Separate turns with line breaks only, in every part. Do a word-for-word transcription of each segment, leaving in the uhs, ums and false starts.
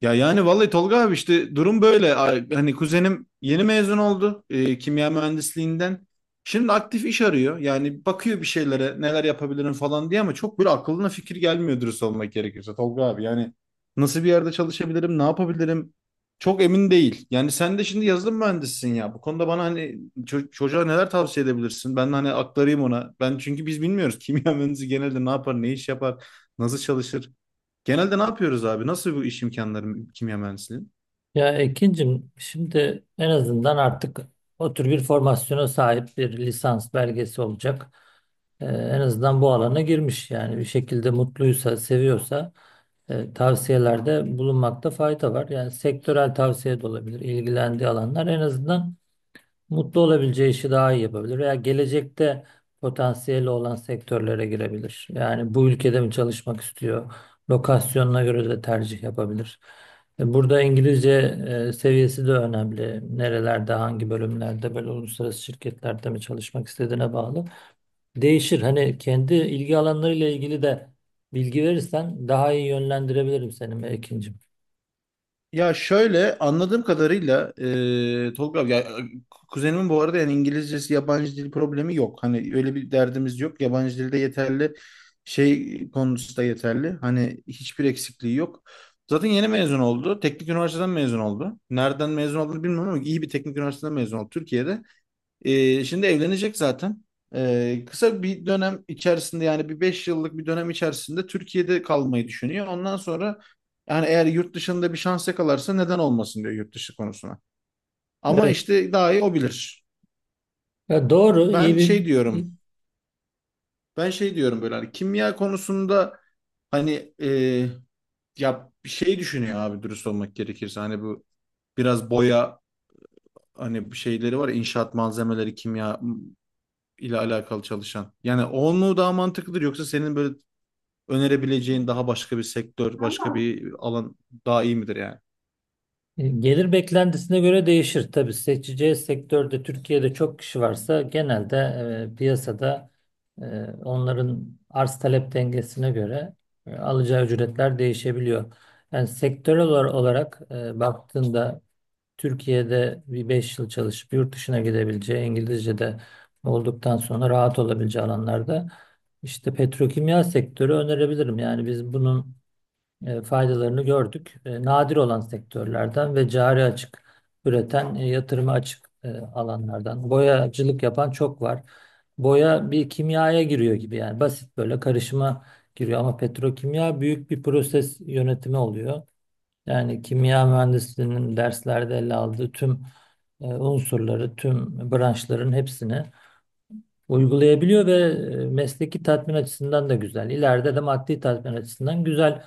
Ya yani vallahi Tolga abi işte durum böyle. Ay- Hani kuzenim yeni mezun oldu e, kimya mühendisliğinden. Şimdi aktif iş arıyor. Yani bakıyor bir şeylere neler yapabilirim falan diye ama çok böyle aklına fikir gelmiyor dürüst olmak gerekirse Tolga abi. Yani nasıl bir yerde çalışabilirim, ne yapabilirim çok emin değil. Yani sen de şimdi yazılım mühendisisin ya. Bu konuda bana hani ço- çocuğa neler tavsiye edebilirsin? Ben de hani aktarayım ona. Ben çünkü biz bilmiyoruz kimya mühendisi genelde ne yapar, ne iş yapar, nasıl çalışır. Genelde ne yapıyoruz abi? Nasıl bu iş imkanları kimya mühendisliği?
Ya Ekin'cim, şimdi en azından artık o tür bir formasyona sahip bir lisans belgesi olacak. Ee, en azından bu alana girmiş, yani bir şekilde mutluysa, seviyorsa e, tavsiyelerde bulunmakta fayda var. Yani sektörel tavsiye de olabilir, ilgilendiği alanlar en azından mutlu olabileceği işi daha iyi yapabilir veya gelecekte potansiyeli olan sektörlere girebilir. Yani bu ülkede mi çalışmak istiyor? Lokasyonuna göre de tercih yapabilir. E, Burada İngilizce e, seviyesi de önemli. Nerelerde, hangi bölümlerde, böyle uluslararası şirketlerde mi çalışmak istediğine bağlı. Değişir. Hani kendi ilgi alanlarıyla ilgili de bilgi verirsen daha iyi yönlendirebilirim seni Mekin'cim.
Ya şöyle anladığım kadarıyla e, Tolga abi, ya, kuzenimin bu arada yani İngilizcesi yabancı dil problemi yok. Hani öyle bir derdimiz yok. Yabancı dilde yeterli şey konusu da yeterli. Hani hiçbir eksikliği yok. Zaten yeni mezun oldu. Teknik üniversiteden mezun oldu. Nereden mezun olduğunu bilmiyorum ama iyi bir teknik üniversiteden mezun oldu Türkiye'de. Ee, şimdi evlenecek zaten. Ee, kısa bir dönem içerisinde yani bir beş yıllık bir dönem içerisinde Türkiye'de kalmayı düşünüyor. Ondan sonra yani eğer yurt dışında bir şans yakalarsa neden olmasın diyor yurt dışı konusuna. Ama
Evet.
işte daha iyi o bilir.
Ya doğru, iyi
Ben
bir...
şey diyorum. Ben şey diyorum böyle hani kimya konusunda hani e, ya bir şey düşünüyor abi dürüst olmak gerekirse. Hani bu biraz boya hani bir şeyleri var ya, inşaat malzemeleri kimya ile alakalı çalışan. Yani o mu daha mantıklıdır yoksa senin böyle önerebileceğin daha başka bir sektör, başka bir alan daha iyi midir yani?
E, Gelir beklentisine göre değişir. Tabii seçeceği sektörde Türkiye'de çok kişi varsa, genelde e, piyasada e, onların arz talep dengesine göre e, alacağı ücretler değişebiliyor. Yani sektörel olar- olarak e, baktığında, Türkiye'de bir beş yıl çalışıp yurt dışına gidebileceği, İngilizce'de olduktan sonra rahat olabileceği alanlarda işte petrokimya sektörü önerebilirim. Yani biz bunun e, faydalarını gördük. E, nadir olan sektörlerden ve cari açık üreten, e, yatırıma açık e, alanlardan. Boyacılık yapan çok var. Boya bir kimyaya giriyor gibi, yani basit böyle karışıma giriyor, ama petrokimya büyük bir proses yönetimi oluyor. Yani kimya mühendisliğinin derslerde ele aldığı tüm e, unsurları, tüm branşların hepsini uygulayabiliyor ve e, mesleki tatmin açısından da güzel. İleride de maddi tatmin açısından güzel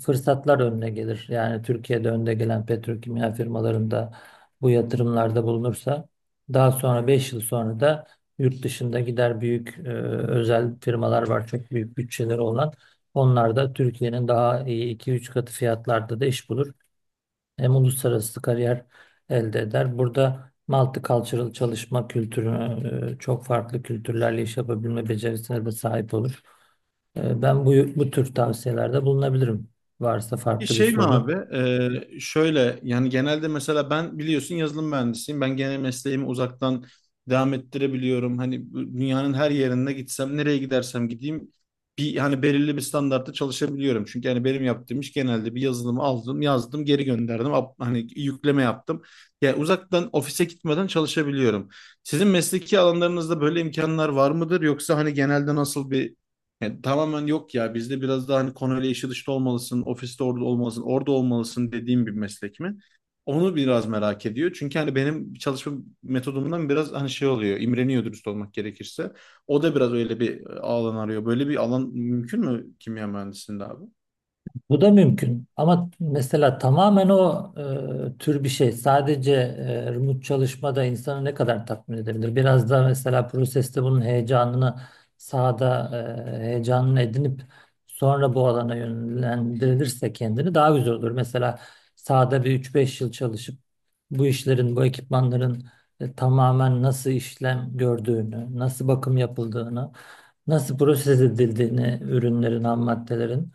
fırsatlar önüne gelir. Yani Türkiye'de önde gelen petrokimya firmalarında bu yatırımlarda bulunursa, daha sonra beş yıl sonra da yurt dışında gider; büyük e, özel firmalar var, çok büyük bütçeleri olan. Onlar da Türkiye'nin daha iyi iki üç katı fiyatlarda da iş bulur. Hem uluslararası kariyer elde eder. Burada multicultural çalışma kültürü, e, çok farklı kültürlerle iş yapabilme becerisine de sahip olur. E, Ben bu, bu tür tavsiyelerde bulunabilirim. Varsa
Bir
farklı bir
şey mi
soru.
abi? Ee, şöyle yani genelde mesela ben biliyorsun yazılım mühendisiyim. Ben gene mesleğimi uzaktan devam ettirebiliyorum. Hani bu dünyanın her yerine gitsem, nereye gidersem gideyim bir hani belirli bir standartta çalışabiliyorum. Çünkü hani benim yaptığım iş genelde bir yazılımı aldım, yazdım, geri gönderdim. Up- Hani yükleme yaptım. Yani uzaktan ofise gitmeden çalışabiliyorum. Sizin mesleki alanlarınızda böyle imkanlar var mıdır? Yoksa hani genelde nasıl bir yani tamamen yok ya bizde biraz daha hani konuyla işi dışta olmalısın, ofiste orada olmalısın, orada olmalısın dediğim bir meslek mi? Onu biraz merak ediyor. Çünkü hani benim çalışma metodumdan biraz hani şey oluyor, imreniyor dürüst olmak gerekirse. O da biraz öyle bir e, alan arıyor. Böyle bir alan mümkün mü kimya mühendisliğinde abi?
Bu da mümkün. Ama mesela tamamen o e, tür bir şey. Sadece e, remote çalışmada insanı ne kadar tatmin edebilir? Biraz da mesela proseste bunun heyecanını sahada e, heyecanını edinip sonra bu alana yönlendirilirse kendini daha güzel olur. Mesela sahada bir üç beş yıl çalışıp bu işlerin, bu ekipmanların e, tamamen nasıl işlem gördüğünü, nasıl bakım yapıldığını, nasıl proses edildiğini, ürünlerin, ham maddelerin,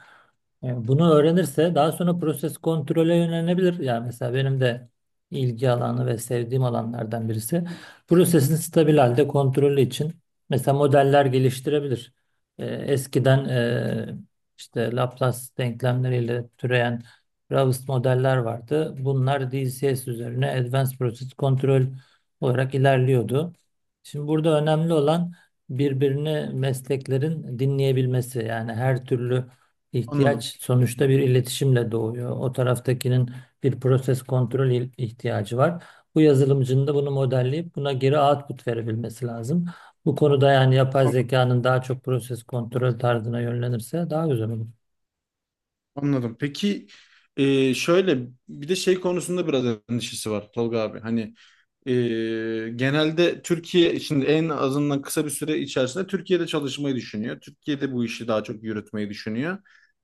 yani bunu öğrenirse, daha sonra proses kontrole yönelebilir. Yani mesela benim de ilgi alanı ve sevdiğim alanlardan birisi, prosesin stabil halde kontrolü için mesela modeller geliştirebilir. Ee, eskiden e, işte Laplace denklemleriyle türeyen Raoust modeller vardı. Bunlar D C S üzerine Advanced Process Control olarak ilerliyordu. Şimdi burada önemli olan birbirini mesleklerin dinleyebilmesi, yani her türlü İhtiyaç
Anladım.
sonuçta bir iletişimle doğuyor. O taraftakinin bir proses kontrol il- ihtiyacı var. Bu yazılımcının da bunu modelleyip buna geri output verebilmesi lazım. Bu konuda yani yapay
Anladım.
zekanın daha çok proses kontrol tarzına yönlenirse daha güzel olur.
Anladım. Peki e, şöyle bir de şey konusunda biraz endişesi var Tolga abi. Hani Ee, genelde Türkiye şimdi en azından kısa bir süre içerisinde Türkiye'de çalışmayı düşünüyor. Türkiye'de bu işi daha çok yürütmeyi düşünüyor.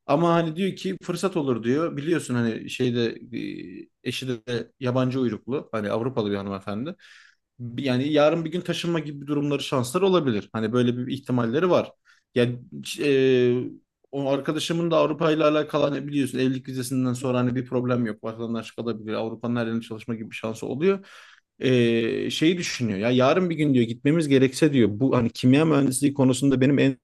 Ama hani diyor ki fırsat olur diyor. Biliyorsun hani şeyde e, eşi de yabancı uyruklu hani Avrupalı bir hanımefendi. Bir- Yani yarın bir gün taşınma gibi durumları şansları olabilir. Hani böyle bir ihtimalleri var. Yani e, o arkadaşımın da Avrupa ile alakalı hani biliyorsun evlilik vizesinden sonra hani bir problem yok. Vatandaşlık alabilir. Avrupa'nın her yerine çalışma gibi bir şansı oluyor. Ee, şeyi düşünüyor ya yarın bir gün diyor gitmemiz gerekse diyor bu hani kimya mühendisliği konusunda benim en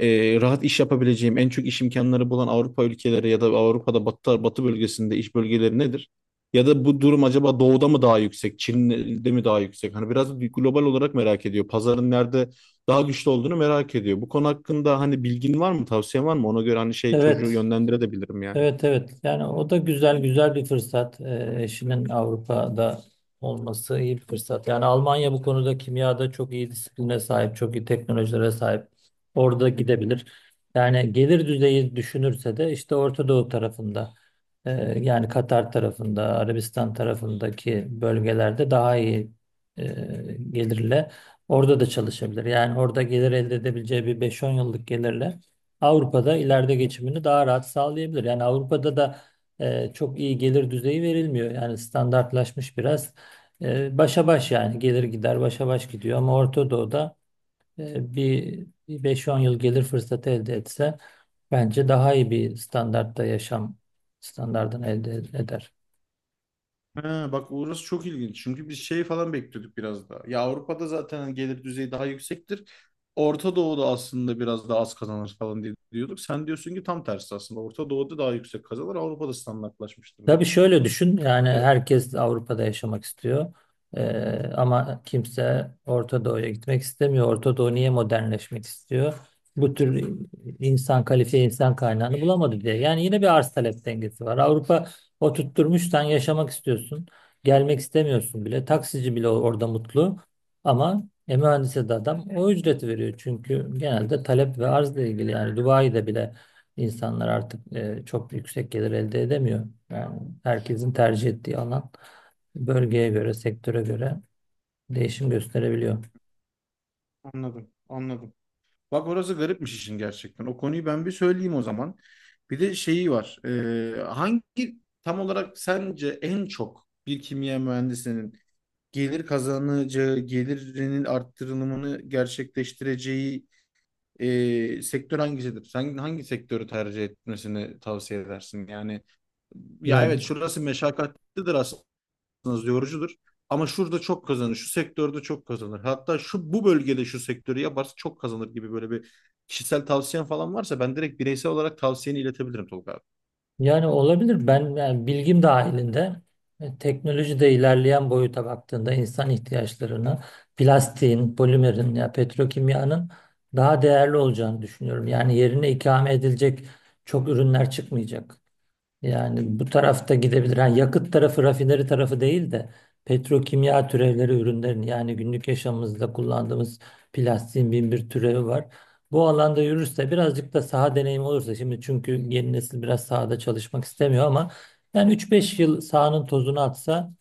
e, rahat iş yapabileceğim en çok iş imkanları bulan Avrupa ülkeleri ya da Avrupa'da batı, batı bölgesinde iş bölgeleri nedir? Ya da bu durum acaba doğuda mı daha yüksek, Çin'de mi daha yüksek? Hani biraz da global olarak merak ediyor. Pazarın nerede daha güçlü olduğunu merak ediyor. Bu konu hakkında hani bilgin var mı, tavsiyen var mı? Ona göre hani şey çocuğu
Evet,
yönlendirebilirim yani.
Evet evet yani o da güzel güzel bir fırsat. Ee, eşinin Avrupa'da olması iyi bir fırsat. Yani Almanya bu konuda kimyada çok iyi disipline sahip, çok iyi teknolojilere sahip, orada gidebilir. Yani gelir düzeyi düşünürse de işte Orta Doğu tarafında, e, yani Katar tarafında, Arabistan tarafındaki bölgelerde daha iyi e, gelirle orada da çalışabilir. Yani orada gelir elde edebileceği bir beş on yıllık gelirle Avrupa'da ileride geçimini daha rahat sağlayabilir. Yani Avrupa'da da e, çok iyi gelir düzeyi verilmiyor. Yani standartlaşmış biraz. E, başa baş, yani gelir gider başa baş gidiyor. Ama Orta Doğu'da e, bir bir beş on yıl gelir fırsatı elde etse, bence daha iyi bir standartta yaşam standartını elde eder.
Ha, bak orası çok ilginç. Çünkü biz şey falan bekliyorduk biraz daha. Ya Avrupa'da zaten hani gelir düzeyi daha yüksektir. Orta Doğu'da aslında biraz daha az kazanır falan diye diyorduk. Sen diyorsun ki tam tersi aslında. Orta Doğu'da daha yüksek kazanır. Avrupa'da standartlaşmıştır
Tabii
durum.
şöyle düşün, yani
Evet,
herkes Avrupa'da yaşamak istiyor. Ee, ama kimse Orta Doğu'ya gitmek istemiyor. Orta Doğu niye modernleşmek istiyor? Bu tür insan, kalifiye insan kaynağını bulamadı diye. Yani yine bir arz talep dengesi var. Avrupa o tutturmuş, sen yaşamak istiyorsun. Gelmek istemiyorsun bile. Taksici bile orada mutlu, ama e, mühendise de adam o ücreti veriyor. Çünkü genelde talep ve arzla ilgili, yani Dubai'de bile İnsanlar artık e, çok yüksek gelir elde edemiyor. Yani herkesin tercih ettiği alan, bölgeye göre, sektöre göre değişim gösterebiliyor.
anladım, anladım. Bak orası garipmiş işin gerçekten. O konuyu ben bir söyleyeyim o zaman. Bir de şeyi var. Ee, hangi tam olarak sence en çok bir kimya mühendisinin gelir kazanacağı, gelirinin arttırılımını gerçekleştireceği e, sektör hangisidir? Sen hangi sektörü tercih etmesini tavsiye edersin? Yani ya
Ya
evet şurası meşakkatlidir aslında yorucudur. Ama şurada çok kazanır, şu sektörde çok kazanır. Hatta şu bu bölgede şu sektörü yaparsa çok kazanır gibi böyle bir kişisel tavsiyen falan varsa ben direkt bireysel olarak tavsiyeni iletebilirim Tolga abi.
yani olabilir. Ben yani bilgim dahilinde e, teknolojide ilerleyen boyuta baktığında, insan ihtiyaçlarını, plastiğin, polimerin ya petrokimyanın daha değerli olacağını düşünüyorum. Yani yerine ikame edilecek çok ürünler çıkmayacak. Yani bu tarafta gidebilir. Ha, yakıt tarafı, rafineri tarafı değil de petrokimya türevleri ürünlerin, yani günlük yaşamımızda kullandığımız plastiğin bin bir türevi var. Bu alanda yürürse, birazcık da saha deneyimi olursa, şimdi çünkü yeni nesil biraz sahada çalışmak istemiyor, ama yani üç beş yıl sahanın tozunu atsa,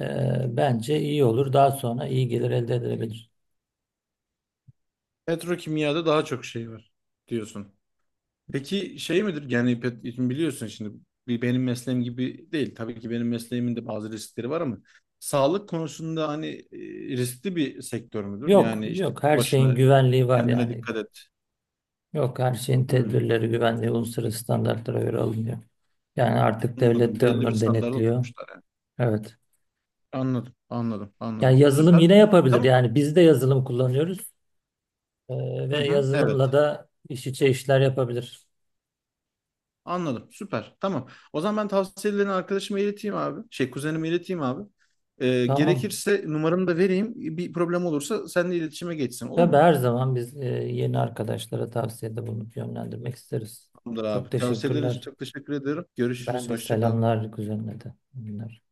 e, bence iyi olur. Daha sonra iyi gelir elde edilebilir.
Petrokimyada daha çok şey var diyorsun. Peki şey midir? Yani pet- şimdi biliyorsun şimdi bir benim mesleğim gibi değil. Tabii ki benim mesleğimin de bazı riskleri var ama sağlık konusunda hani e, riskli bir sektör müdür?
Yok,
Yani işte
yok, her şeyin
başına
güvenliği var
kendine
yani.
dikkat et.
Yok, her şeyin
Hmm,
tedbirleri, güvenliği, uluslararası standartlara göre alınıyor. Yani artık devlet
anladım.
de
Belli bir
onları
standarda
denetliyor.
oturmuşlar yani.
Evet.
Anladım, anladım,
Yani
anladım.
yazılım yine
Süper.
yapabilir.
Tamam.
Yani biz de yazılım kullanıyoruz. Ee,
Hı
ve
hı,
yazılımla
evet.
da iş içe işler yapabilir.
Anladım. Süper. Tamam. O zaman ben tavsiyelerini arkadaşıma ileteyim abi. Şey kuzenime ileteyim abi. Ee,
Tamam.
gerekirse numaramı da vereyim. Bir problem olursa seninle iletişime geçsin. Olur
Tabii
mu?
her zaman biz e, yeni arkadaşlara tavsiyede bulunup yönlendirmek isteriz.
Tamamdır abi.
Çok
Tavsiyelerin için
teşekkürler.
çok teşekkür ediyorum.
Ben
Görüşürüz.
de
Hoşça kal.
selamlar kuzenine de. Bunlar.